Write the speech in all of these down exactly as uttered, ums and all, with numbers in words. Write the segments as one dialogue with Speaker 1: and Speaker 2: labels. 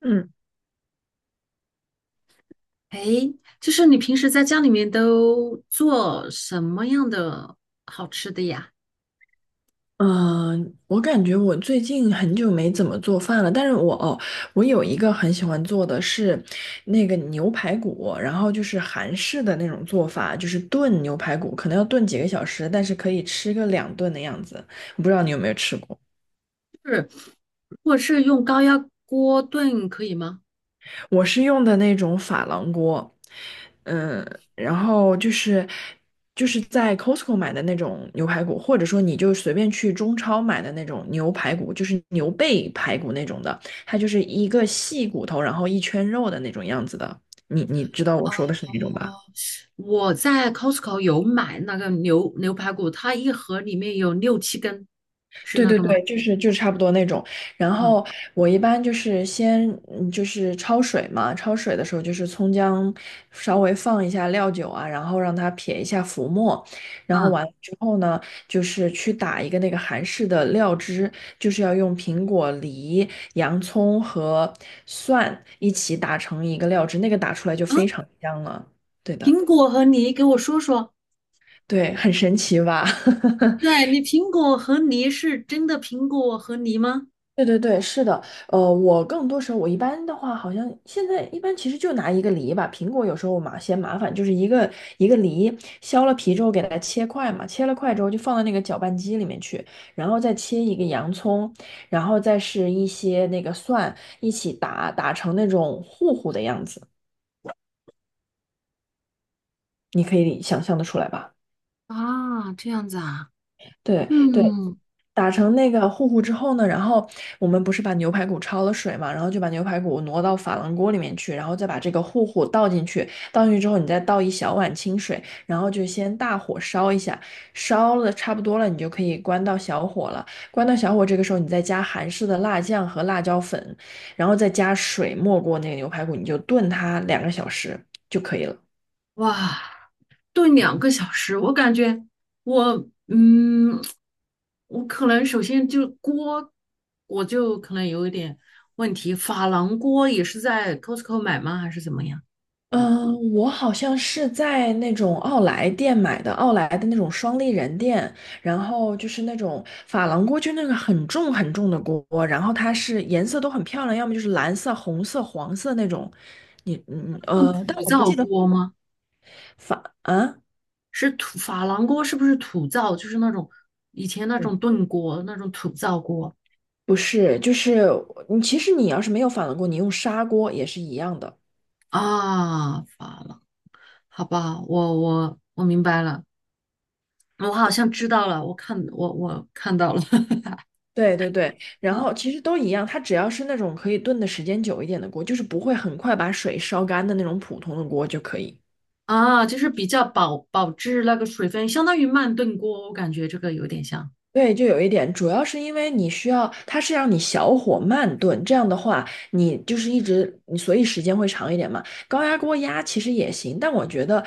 Speaker 1: 嗯
Speaker 2: 诶，就是你平时在家里面都做什么样的好吃的呀？
Speaker 1: 嗯，呃我感觉我最近很久没怎么做饭了，但是我哦，我有一个很喜欢做的是那个牛排骨。然后就是韩式的那种做法，就是炖牛排骨，可能要炖几个小时，但是可以吃个两顿的样子。我不知道你有没有吃过。
Speaker 2: 是，如果是用高压锅炖可以吗？
Speaker 1: 我是用的那种珐琅锅，嗯，然后就是就是在 Costco 买的那种牛排骨，或者说你就随便去中超买的那种牛排骨，就是牛背排骨那种的，它就是一个细骨头，然后一圈肉的那种样子的。你你知道我说的是哪种吧？
Speaker 2: 我在 Costco 有买那个牛牛排骨，它一盒里面有六七根，是
Speaker 1: 对
Speaker 2: 那
Speaker 1: 对
Speaker 2: 个吗？
Speaker 1: 对，就是就是差不多那种。然
Speaker 2: 嗯
Speaker 1: 后我一般就是先嗯就是焯水嘛。焯水的时候就是葱姜稍微放一下料酒啊，然后让它撇一下浮沫。然后
Speaker 2: 嗯
Speaker 1: 完了之后呢，就是去打一个那个韩式的料汁，就是要用苹果、梨、洋葱和蒜一起打成一个料汁，那个打出来就
Speaker 2: 啊，
Speaker 1: 非常香了。对的。
Speaker 2: 苹果和梨，给我说说。
Speaker 1: 对，很神奇吧？
Speaker 2: 对，你苹果和梨是真的苹果和梨吗？
Speaker 1: 对对对，是的，呃，我更多时候我一般的话，好像现在一般其实就拿一个梨吧。苹果有时候我嘛嫌麻烦，就是一个一个梨削了皮之后给它切块嘛，切了块之后就放到那个搅拌机里面去，然后再切一个洋葱，然后再是一些那个蒜一起打打成那种糊糊的样子。你可以想象得出来吧？
Speaker 2: 啊，这样子啊，
Speaker 1: 对对。
Speaker 2: 嗯。
Speaker 1: 打成那个糊糊之后呢，然后我们不是把牛排骨焯了水嘛，然后就把牛排骨挪到珐琅锅里面去，然后再把这个糊糊倒进去。倒进去之后，你再倒一小碗清水，然后就先大火烧一下，烧了差不多了，你就可以关到小火了。关到小火，这个时候你再加韩式的辣酱和辣椒粉，然后再加水没过那个牛排骨，你就炖它两个小时就可以了。
Speaker 2: 哇，炖两个小时，我感觉我嗯，我可能首先就锅，我就可能有一点问题。珐琅锅也是在 Costco 买吗？还是怎么样？
Speaker 1: 嗯，我好像是在那种奥莱店买的，奥莱的那种双立人店，然后就是那种珐琅锅，就那个很重很重的锅。然后它是颜色都很漂亮，要么就是蓝色、红色、黄色那种。你嗯
Speaker 2: 那
Speaker 1: 呃，但
Speaker 2: 土
Speaker 1: 我不
Speaker 2: 灶
Speaker 1: 记得
Speaker 2: 锅吗？
Speaker 1: 珐啊，
Speaker 2: 是土珐琅锅是不是土灶？就是那种以前那
Speaker 1: 嗯
Speaker 2: 种炖锅，那种土灶锅
Speaker 1: 不是，就是你其实你要是没有珐琅锅，你用砂锅也是一样的。对。
Speaker 2: 啊。珐琅，好吧，我我我明白了，我好像知道了，我看我我看到了。
Speaker 1: 对对对，然后其实都一样，它只要是那种可以炖的时间久一点的锅，就是不会很快把水烧干的那种普通的锅就可以。
Speaker 2: 啊，就是比较保保质那个水分，相当于慢炖锅，我感觉这个有点像。
Speaker 1: 对，就有一点，主要是因为你需要，它是让你小火慢炖。这样的话，你就是一直，你所以时间会长一点嘛。高压锅压其实也行，但我觉得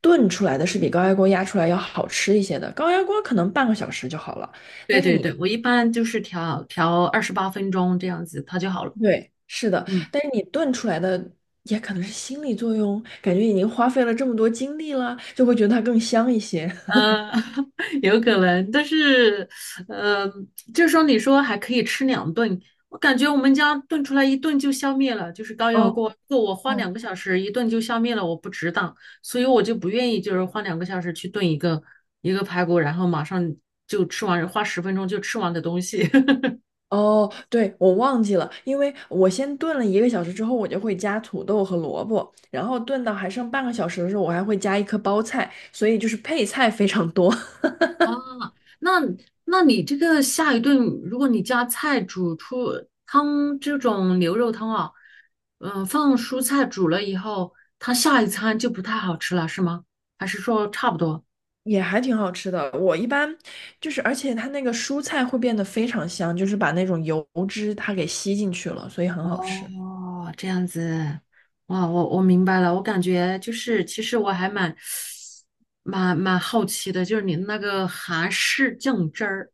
Speaker 1: 炖出来的是比高压锅压出来要好吃一些的。高压锅可能半个小时就好了。
Speaker 2: 对对对，我一般就是调调二十八分钟这样子，它就好了。
Speaker 1: 对，是的，
Speaker 2: 嗯，
Speaker 1: 但是你炖出来的也可能是心理作用，感觉已经花费了这么多精力了，就会觉得它更香一些。
Speaker 2: 呃，有可能，但是，嗯，就是说你说还可以吃两顿，我感觉我们家炖出来一顿就消灭了，就是高压
Speaker 1: 哦
Speaker 2: 锅，如果我花
Speaker 1: 哦
Speaker 2: 两个小时一顿就消灭了，我不值当，所以我就不愿意就是花两个小时去炖一个一个排骨，然后马上就吃完，花十分钟就吃完的东西。
Speaker 1: 哦，对，我忘记了。因为我先炖了一个小时之后，我就会加土豆和萝卜，然后炖到还剩半个小时的时候，我还会加一颗包菜，所以就是配菜非常多。
Speaker 2: 啊，那那你这个下一顿，如果你加菜煮出汤这种牛肉汤啊，嗯、放蔬菜煮了以后，它下一餐就不太好吃了，是吗？还是说差不多？
Speaker 1: 也还挺好吃的。我一般就是，而且它那个蔬菜会变得非常香，就是把那种油脂它给吸进去了，所以很好吃。
Speaker 2: 哦，这样子，哇，我我明白了，我感觉就是，其实我还蛮蛮蛮好奇的，就是你那个韩式酱汁儿。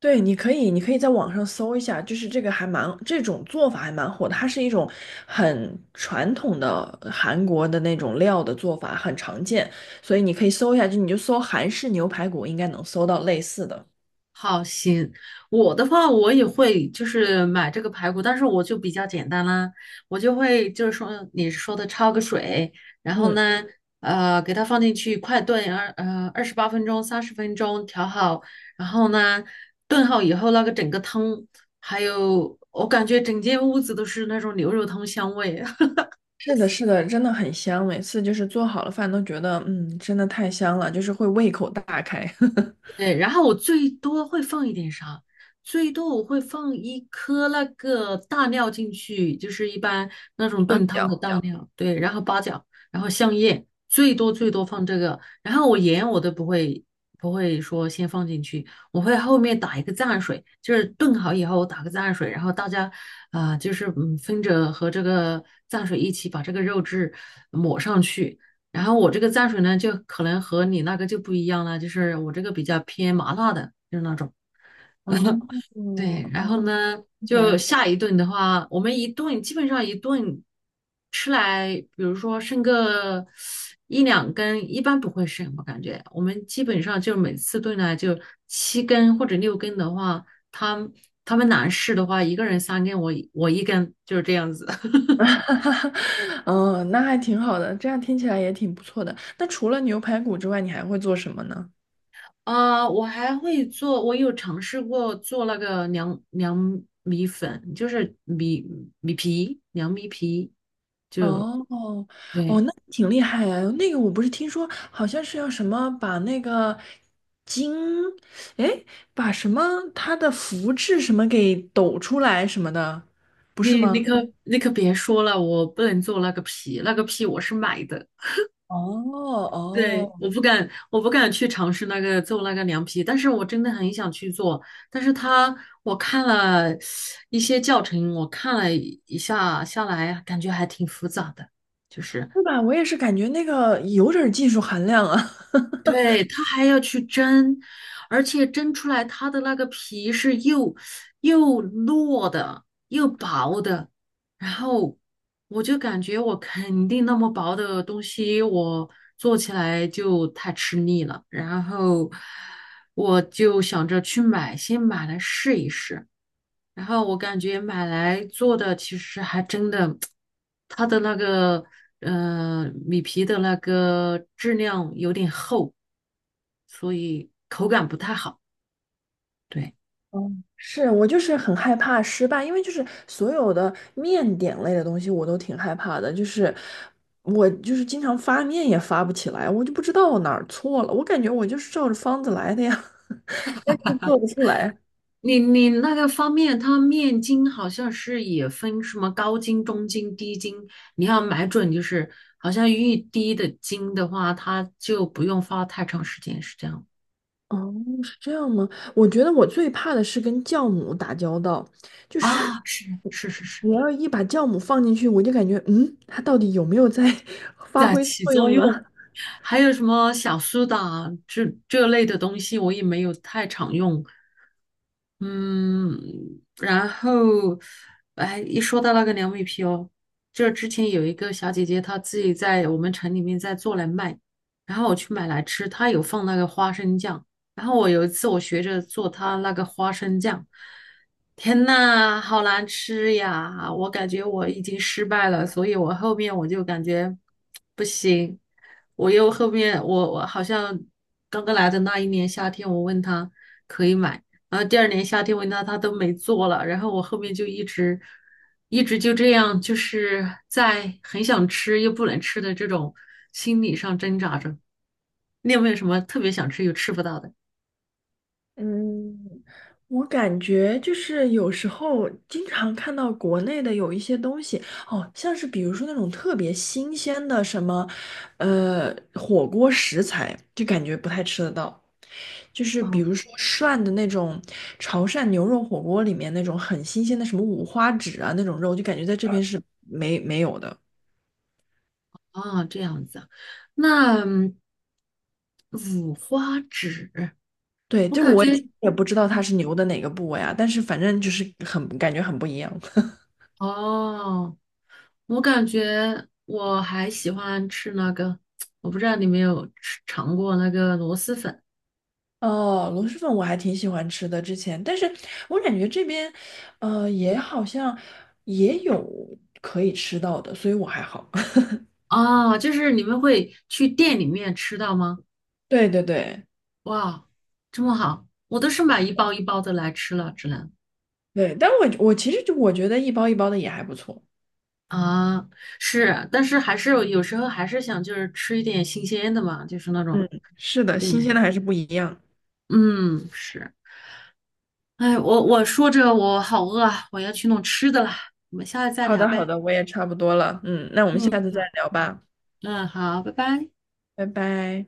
Speaker 1: 对，你可以，你可以在网上搜一下，就是这个还蛮，这种做法还蛮火的。它是一种很传统的韩国的那种料的做法，很常见，所以你可以搜一下，就你就搜韩式牛排骨，应该能搜到类似的。
Speaker 2: 好，行，我的话我也会就是买这个排骨，但是我就比较简单啦，我就会就是说你说的焯个水，然后
Speaker 1: 嗯，
Speaker 2: 呢，呃，给它放进去快炖二呃二十八分钟、三十分钟调好，然后呢，炖好以后那个整个汤，还有我感觉整间屋子都是那种牛肉汤香味，
Speaker 1: 是的，是的，真的很香，每次就是做好了饭都觉得，嗯，真的太香了，就是会胃口大开。
Speaker 2: 对，然后我最多会放一点啥？最多我会放一颗那个大料进去，就是一般那种
Speaker 1: 八
Speaker 2: 炖汤的
Speaker 1: 角。
Speaker 2: 大料，对，然后八角，然后香叶，最多最多放这个。然后我盐我都不会不会说先放进去，我会后面打一个蘸水，就是炖好以后打个蘸水，然后大家啊、呃就是嗯分着和这个蘸水一起把这个肉质抹上去。然后我这个蘸水呢，就可能和你那个就不一样了，就是我这个比较偏麻辣的，就是那种。
Speaker 1: 哦。哦，
Speaker 2: 对，然后呢，
Speaker 1: 听起来
Speaker 2: 就下一顿的话，我们一顿基本上一顿吃来，比如说剩个一两根，一般不会剩，我感觉我们基本上就每次炖呢就七根或者六根的话，他他们男士的话，一个人三根，我我一根，就是这样子。
Speaker 1: 哈哈。哦，那还挺好的，这样听起来也挺不错的。那除了牛排骨之外，你还会做什么呢？
Speaker 2: 啊，我还会做，我有尝试过做那个凉凉米粉，就是米米皮，凉米皮，就
Speaker 1: 哦哦，
Speaker 2: 对。
Speaker 1: 那挺厉害啊。那个我不是听说好像是要什么把那个筋，哎，把什么它的福字什么给抖出来什么的，不是
Speaker 2: 你，你
Speaker 1: 吗？
Speaker 2: 可你可别说了，我不能做那个皮，那个皮我是买的，
Speaker 1: 哦
Speaker 2: 对，
Speaker 1: 哦，
Speaker 2: 我不敢，我不敢去尝试那个做那个凉皮，但是我真的很想去做，但是他我看了一些教程，我看了一下下来，感觉还挺复杂的，就是。
Speaker 1: 对吧？我也是感觉那个有点儿技术含量啊。
Speaker 2: 对，它还要去蒸，而且蒸出来它的那个皮是又又糯的，又薄的。然后我就感觉我肯定那么薄的东西，我做起来就太吃力了。然后我就想着去买，先买来试一试。然后我感觉买来做的其实还真的，它的那个呃米皮的那个质量有点厚，所以口感不太好。对，
Speaker 1: 嗯，是我就是很害怕失败，因为就是所有的面点类的东西我都挺害怕的，就是我就是经常发面也发不起来，我就不知道我哪儿错了。我感觉我就是照着方子来的呀，但是做不出来。
Speaker 2: 你，你那个方面，它面筋好像是也分什么高筋、中筋、低筋，你要买准，就是好像越低的筋的话，它就不用发太长时间，是这样
Speaker 1: 哦，是这样吗？我觉得我最怕的是跟酵母打交道。
Speaker 2: 啊？是是是是，
Speaker 1: 我要一把酵母放进去，我就感觉嗯，它到底有没有在 发
Speaker 2: 在
Speaker 1: 挥
Speaker 2: 起
Speaker 1: 作
Speaker 2: 作
Speaker 1: 用啊？
Speaker 2: 用。还有什么小苏打这这类的东西，我也没有太常用，嗯，然后，哎，一说到那个凉米皮哦，就是之前有一个小姐姐，她自己在我们城里面在做来卖，然后我去买来吃，她有放那个花生酱，然后我有一次我学着做她那个花生酱，天呐，好难吃呀！我感觉我已经失败了，所以我后面我就感觉不行，我又后面我我好像刚刚来的那一年夏天，我问她可以买。然后第二年夏天维纳他都没做了，然后我后面就一直一直就这样，就是在很想吃又不能吃的这种心理上挣扎着。你有没有什么特别想吃又吃不到的？
Speaker 1: 嗯，我感觉就是有时候经常看到国内的有一些东西，哦，像是比如说那种特别新鲜的什么，呃，火锅食材，就感觉不太吃得到。就是比
Speaker 2: 哦
Speaker 1: 如说涮的那种潮汕牛肉火锅里面那种很新鲜的什么五花趾啊那种肉，就感觉在这边是没没有的。
Speaker 2: 哦，这样子啊，那嗯五花指，
Speaker 1: 对，
Speaker 2: 我
Speaker 1: 就
Speaker 2: 感
Speaker 1: 我
Speaker 2: 对
Speaker 1: 也
Speaker 2: 觉
Speaker 1: 也不知道它是牛的哪个部位啊，但是反正就是很感觉很不一样。
Speaker 2: 哦，我感觉我还喜欢吃那个，我不知道你有没有吃尝过那个螺蛳粉。
Speaker 1: 哦，螺蛳粉我还挺喜欢吃的，之前，但是我感觉这边，呃，也好像也有可以吃到的，所以我还好。
Speaker 2: 哦，就是你们会去店里面吃到吗？
Speaker 1: 对对对
Speaker 2: 哇，这么好，我都是买一包一包的来吃了，只能
Speaker 1: 对，但我我其实就我觉得一包一包的也还不错。
Speaker 2: 啊，是，但是还是有有时候还是想就是吃一点新鲜的嘛，就是那种，
Speaker 1: 嗯，是的，
Speaker 2: 对，
Speaker 1: 新鲜的还是不一样。
Speaker 2: 嗯，是，哎，我我说着我好饿啊，我要去弄吃的了，我们下次再
Speaker 1: 好
Speaker 2: 聊
Speaker 1: 的好
Speaker 2: 呗，
Speaker 1: 的，我也差不多了。嗯，那我们
Speaker 2: 嗯，
Speaker 1: 下次再聊吧。
Speaker 2: 嗯，好，拜拜。
Speaker 1: 拜拜。